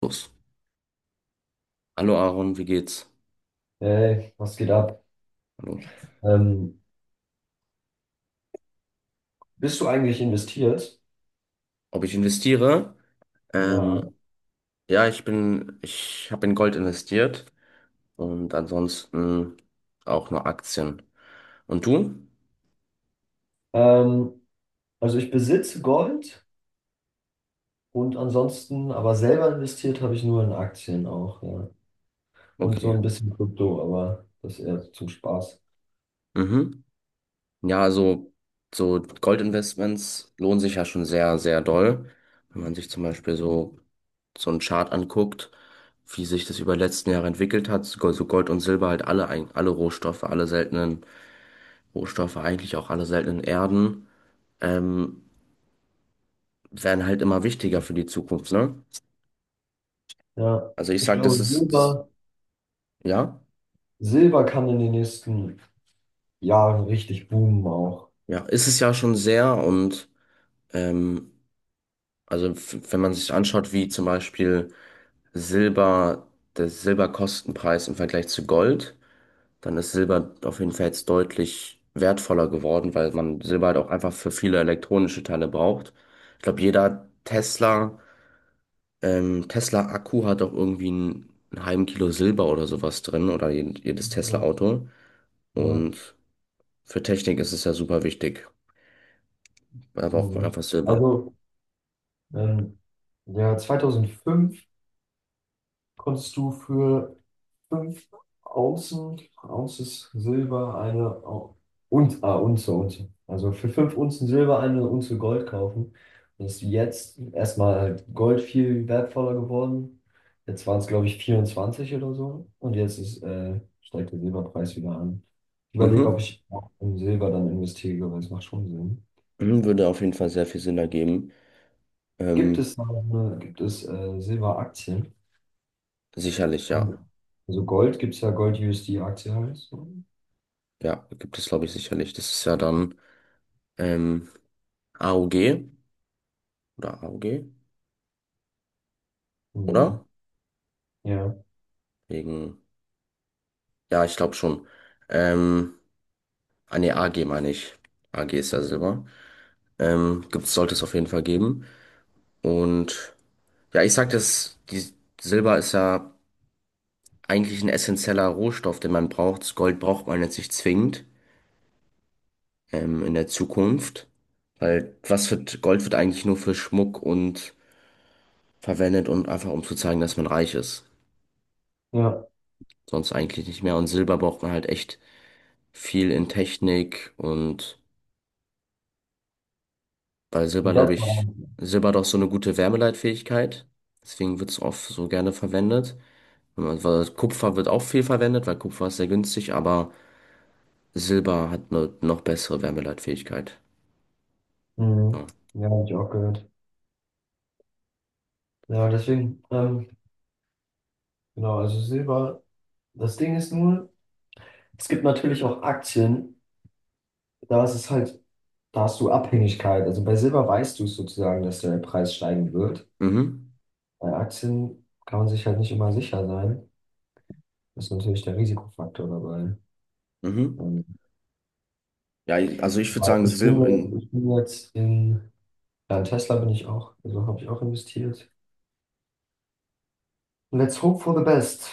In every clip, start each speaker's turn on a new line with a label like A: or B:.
A: Los. Hallo Aaron, wie geht's?
B: Hey, was geht ab?
A: Hallo.
B: Ähm, Bist du eigentlich investiert?
A: Ob ich investiere?
B: Ja.
A: Ähm, ja, ich habe in Gold investiert und ansonsten auch nur Aktien. Und du?
B: Ähm, also ich besitze Gold und ansonsten, aber selber investiert habe ich nur in Aktien auch, ja. Und so
A: Okay.
B: ein bisschen Krypto, aber das eher so zum Spaß.
A: Mhm. Ja, also so Goldinvestments lohnen sich ja schon sehr, sehr doll. Wenn man sich zum Beispiel so einen Chart anguckt, wie sich das über die letzten Jahre entwickelt hat, so Gold und Silber halt alle, alle Rohstoffe, alle seltenen Rohstoffe, eigentlich auch alle seltenen Erden. Ähm, werden halt immer wichtiger für die Zukunft, ne?
B: Ja,
A: Also ich
B: ich
A: sag,
B: glaube,
A: ja,
B: Silber kann in den nächsten Jahren richtig boomen auch.
A: ja, ist es ja schon sehr und ähm, also wenn man sich anschaut, wie zum Beispiel Silber, der Silberkostenpreis im Vergleich zu Gold, dann ist Silber auf jeden Fall jetzt deutlich wertvoller geworden, weil man Silber halt auch einfach für viele elektronische Teile braucht. Ich glaube, jeder Tesla-Akku hat auch irgendwie einen halben Kilo Silber oder sowas drin oder jedes
B: Ja,
A: Tesla-Auto.
B: ja,
A: Und für Technik ist es ja super wichtig, aber auch
B: mhm.
A: einfach Silber.
B: Also, ähm, ja, 2005 konntest du für 5 Ounces Silber eine Unze. Also für 5 Unzen Silber eine Unze Gold kaufen. Das ist jetzt erstmal halt Gold viel wertvoller geworden. Jetzt waren es, glaube ich, 24 oder so. Und jetzt ist, steigt der Silberpreis wieder an. Ich überlege, ob
A: Mhm.
B: ich auch in Silber dann investiere, weil es macht schon Sinn.
A: Mhm. Würde auf jeden Fall sehr viel Sinn ergeben.
B: Gibt
A: Ähm,
B: es da gibt es Silberaktien?
A: Sicherlich, ja.
B: So- Also Gold gibt es, ja Gold-USD-Aktie heißt.
A: Ja, gibt es, glaube ich, sicherlich. Das ist ja dann ähm, AOG oder AOG,
B: Mhm.
A: oder?
B: Ja,
A: Wegen, ja, ich glaube schon. Ähm, Nee, AG meine ich. AG ist ja Silber. Sollte es auf jeden Fall geben. Und ja, ich sag das, die Silber ist ja eigentlich ein essentieller Rohstoff, den man braucht. Das Gold braucht man jetzt nicht zwingend, in der Zukunft. Weil Gold wird eigentlich nur für Schmuck und verwendet und einfach um zu zeigen, dass man reich ist.
B: ja,
A: Sonst eigentlich nicht mehr. Und Silber braucht man halt echt viel in Technik und weil Silber,
B: das
A: glaube
B: war,
A: ich, Silber hat auch so eine gute Wärmeleitfähigkeit. Deswegen wird es oft so gerne verwendet. Wenn man- Weil Kupfer wird auch viel verwendet, weil Kupfer ist sehr günstig, aber Silber hat eine noch bessere Wärmeleitfähigkeit. Ja.
B: mhm. Ja, habe ich auch gehört. Ja, deswegen, genau, also Silber, das Ding ist nur, es gibt natürlich auch Aktien, da ist es halt, da hast du Abhängigkeit. Also bei Silber weißt du es sozusagen, dass der Preis steigen wird.
A: Mhm.
B: Bei Aktien kann man sich halt nicht immer sicher sein. Das ist natürlich der Risikofaktor dabei.
A: Mhm.
B: Ähm,
A: Ja, also ich würde
B: aber
A: sagen, Silber,
B: ich bin jetzt in, ja, in Tesla bin ich auch, also habe ich auch investiert. Let's hope for the best.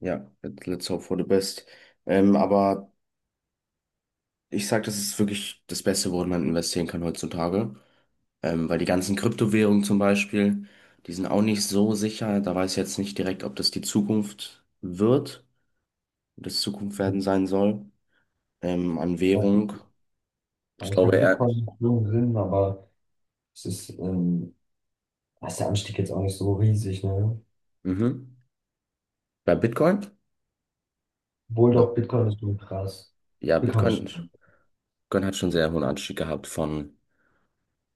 A: ja, let's hope for the best. Aber ich sag, das ist wirklich das Beste, worin man investieren kann heutzutage. Weil die ganzen Kryptowährungen zum Beispiel, die sind auch nicht so sicher. Da weiß ich jetzt nicht direkt, ob das die Zukunft wird, ob das Zukunft werden sein soll. An Währung. Ich
B: Aber ich
A: glaube
B: glaube,
A: eher.
B: Bitcoin macht schon Sinn, aber es ist, da ist der Anstieg jetzt auch nicht so riesig, ne?
A: Mhm. Bei Bitcoin?
B: Obwohl doch,
A: Oder?
B: Bitcoin ist schon krass.
A: Ja,
B: Bitcoin ist
A: Bitcoin,
B: schon.
A: Bitcoin hat schon sehr hohen Anstieg gehabt von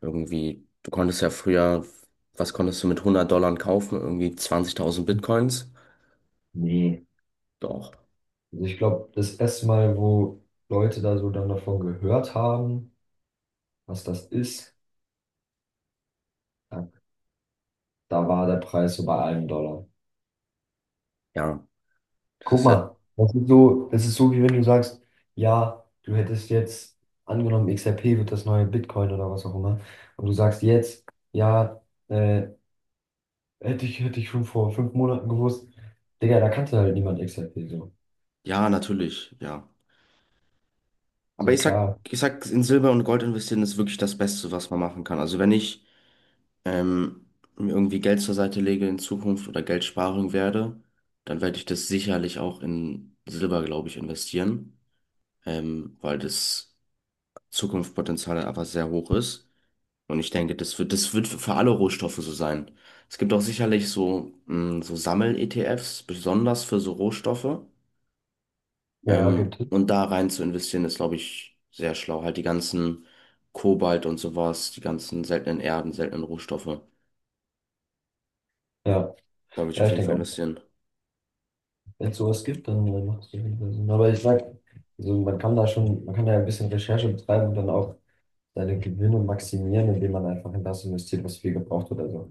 A: irgendwie, du konntest ja früher, was konntest du mit 100 Dollar kaufen? Irgendwie 20.000 Bitcoins.
B: Nee.
A: Doch.
B: Also ich glaube, das erste Mal, wo Leute da so dann davon gehört haben, was das ist, da, da war der Preis so bei einem Dollar.
A: Ja, das
B: Guck
A: ist ja,
B: mal, das ist so, wie wenn du sagst, ja, du hättest jetzt angenommen, XRP wird das neue Bitcoin oder was auch immer. Und du sagst jetzt, ja, äh, hätte ich schon vor 5 Monaten gewusst. Digga, da kannte halt niemand XRP so.
A: ja, natürlich, ja. Aber
B: So
A: ich sag,
B: klar.
A: ich sag, in Silber und Gold investieren ist wirklich das Beste, was man machen kann. Also wenn ich ähm, mir irgendwie Geld zur Seite lege in Zukunft oder Geld sparen werde, dann werde ich das sicherlich auch in Silber, glaube ich, investieren, weil das Zukunftspotenzial einfach sehr hoch ist. Und ich denke, das wird für alle Rohstoffe so sein. Es gibt auch sicherlich so Sammel-ETFs, besonders für so Rohstoffe.
B: Ja, gibt
A: Ähm,
B: es.
A: und da rein zu investieren, ist, glaube ich, sehr schlau. Halt die ganzen Kobalt und sowas, die ganzen seltenen Erden, seltenen Rohstoffe. Da
B: Ja,
A: würde ich
B: ja,
A: auf
B: ich
A: jeden Fall
B: denke auch.
A: investieren.
B: Wenn es sowas gibt, dann macht es auf jeden Fall Sinn. Also, aber ich sag, also man kann da ja ein bisschen Recherche betreiben und dann auch seine Gewinne maximieren, indem man einfach in das investiert, was viel gebraucht wird. Also,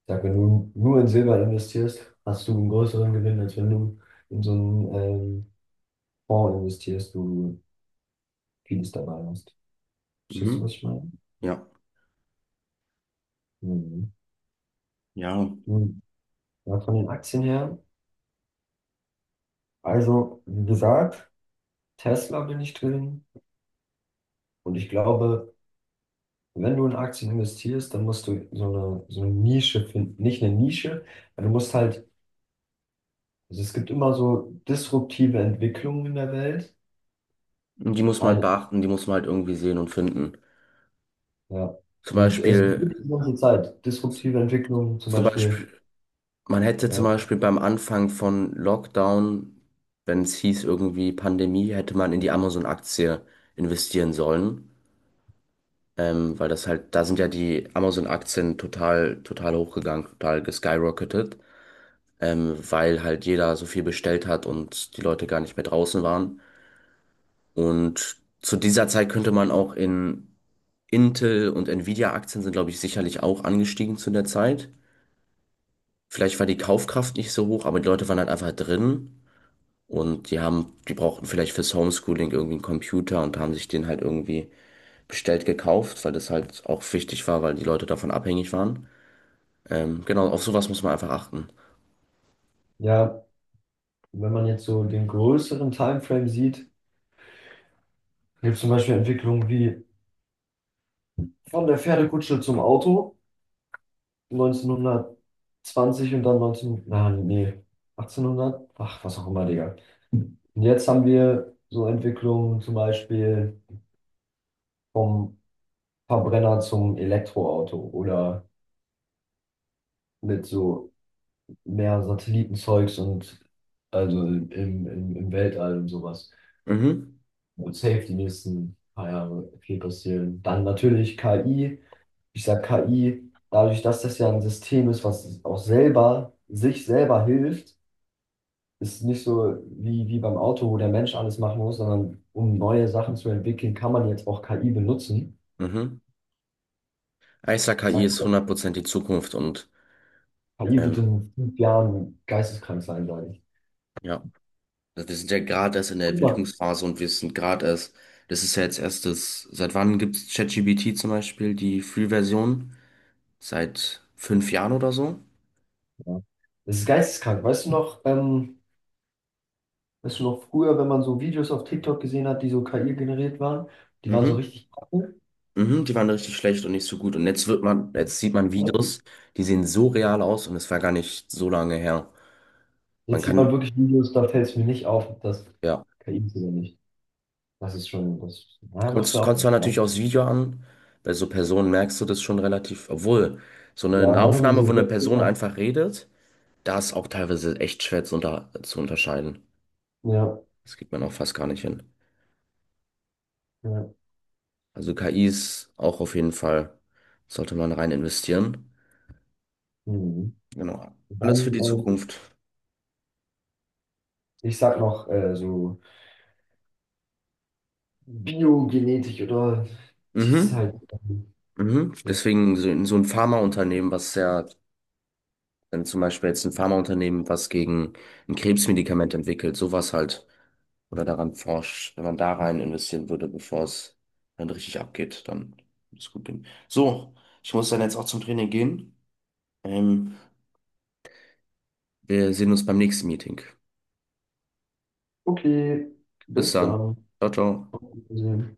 B: ich sag, wenn du nur in Silber investierst, hast du einen größeren Gewinn, als wenn du in so einen Fonds investierst, wo du vieles dabei hast. Verstehst du,
A: Mhm.
B: was ich meine?
A: Ja.
B: Mhm.
A: Ja.
B: Mhm. Ja, von den Aktien her. Also, wie gesagt, Tesla bin ich drin und ich glaube, wenn du in Aktien investierst, dann musst du so eine Nische finden. Nicht eine Nische, aber du musst halt, also es gibt immer so disruptive Entwicklungen in der Welt.
A: Und die muss man halt
B: Ein,
A: beachten, die muss man halt irgendwie sehen und finden.
B: ja.
A: Zum
B: Und es
A: Beispiel,
B: gibt die ganze Zeit disruptive Entwicklungen, zum
A: zum Beispiel,
B: Beispiel,
A: man hätte zum
B: äh,
A: Beispiel beim Anfang von Lockdown, wenn es hieß irgendwie Pandemie, hätte man in die Amazon-Aktie investieren sollen. Weil das halt, da sind ja die Amazon-Aktien total, total hochgegangen, total geskyrocketet, weil halt jeder so viel bestellt hat und die Leute gar nicht mehr draußen waren. Und zu dieser Zeit könnte man auch in Intel und Nvidia-Aktien sind, glaube ich, sicherlich auch angestiegen zu der Zeit. Vielleicht war die Kaufkraft nicht so hoch, aber die Leute waren halt einfach drin und die haben, die brauchten vielleicht fürs Homeschooling irgendwie einen Computer und haben sich den halt irgendwie bestellt gekauft, weil das halt auch wichtig war, weil die Leute davon abhängig waren. Genau, auf sowas muss man einfach achten.
B: ja, wenn man jetzt so den größeren Timeframe sieht, gibt es zum Beispiel Entwicklungen wie von der Pferdekutsche zum Auto. neunzehnhundertzwanzig und dann 19, na, nee, Achtzehnhundert ach, was auch immer, Digga. Und jetzt haben wir so Entwicklungen zum Beispiel vom Verbrenner zum Elektroauto oder mit so mehr Satellitenzeugs und also im Weltall und sowas.
A: Mhm,
B: Wird safe die nächsten paar Jahre viel passieren. Dann natürlich KI. Ich sag KI, dadurch, dass das ja ein System ist, was auch sich selber hilft, ist nicht so wie, wie beim Auto, wo der Mensch alles machen muss, sondern um neue Sachen zu entwickeln, kann man jetzt auch KI benutzen.
A: mhm. Ja, ich sag, KI
B: Sagt
A: ist
B: man,
A: 100% die Zukunft und
B: KI wird
A: ähm,
B: in 5 Jahren geisteskrank sein, sage ich.
A: ja, wir sind ja gerade erst in der
B: Guck mal.
A: Entwicklungsphase und wir sind gerade erst, das ist ja jetzt erst das, seit wann gibt es ChatGPT zum Beispiel, die Free-Version? Seit 5 Jahren oder so?
B: Ja. Das ist geisteskrank. Weißt du noch früher, wenn man so Videos auf TikTok gesehen hat, die so KI generiert waren, die waren so
A: Mhm.
B: richtig kacke.
A: Mhm, die waren richtig schlecht und nicht so gut. Und jetzt jetzt sieht man Videos, die sehen so real aus und es war gar nicht so lange her. Man
B: Jetzt sieht man
A: kann,
B: wirklich Videos, da fällt es mir nicht auf, ob das
A: ja.
B: KI ist oder nicht. Das ist schon, das naja, macht
A: Kommt,
B: mir auch
A: kommt zwar
B: nicht. Ne?
A: natürlich aufs Video an, bei so Personen merkst du das schon relativ, obwohl so eine
B: Ja, dann haben die
A: Nahaufnahme, wo
B: so
A: eine
B: sechs
A: Person
B: Jahre.
A: einfach redet, da ist auch teilweise echt schwer zu unterscheiden.
B: Ja,
A: Das kriegt man auch fast gar nicht hin.
B: ja.
A: Also KIs auch auf jeden Fall sollte man rein investieren.
B: Mhm.
A: Genau. Alles für
B: Dann,
A: die Zukunft.
B: ich sag noch so Biogenetik oder dieses
A: Mhm.
B: halt.
A: Mhm.
B: Ja.
A: Deswegen so ein Pharmaunternehmen, was sehr wenn zum Beispiel jetzt ein Pharmaunternehmen was gegen ein Krebsmedikament entwickelt, sowas halt, oder daran forscht, wenn man da rein investieren würde, bevor es dann richtig abgeht, dann würde es gut gehen. So, ich muss dann jetzt auch zum Training gehen. Ähm, Wir sehen uns beim nächsten Meeting.
B: Okay,
A: Bis
B: bis
A: dann.
B: dann.
A: Ciao, ciao.
B: Wiedersehen.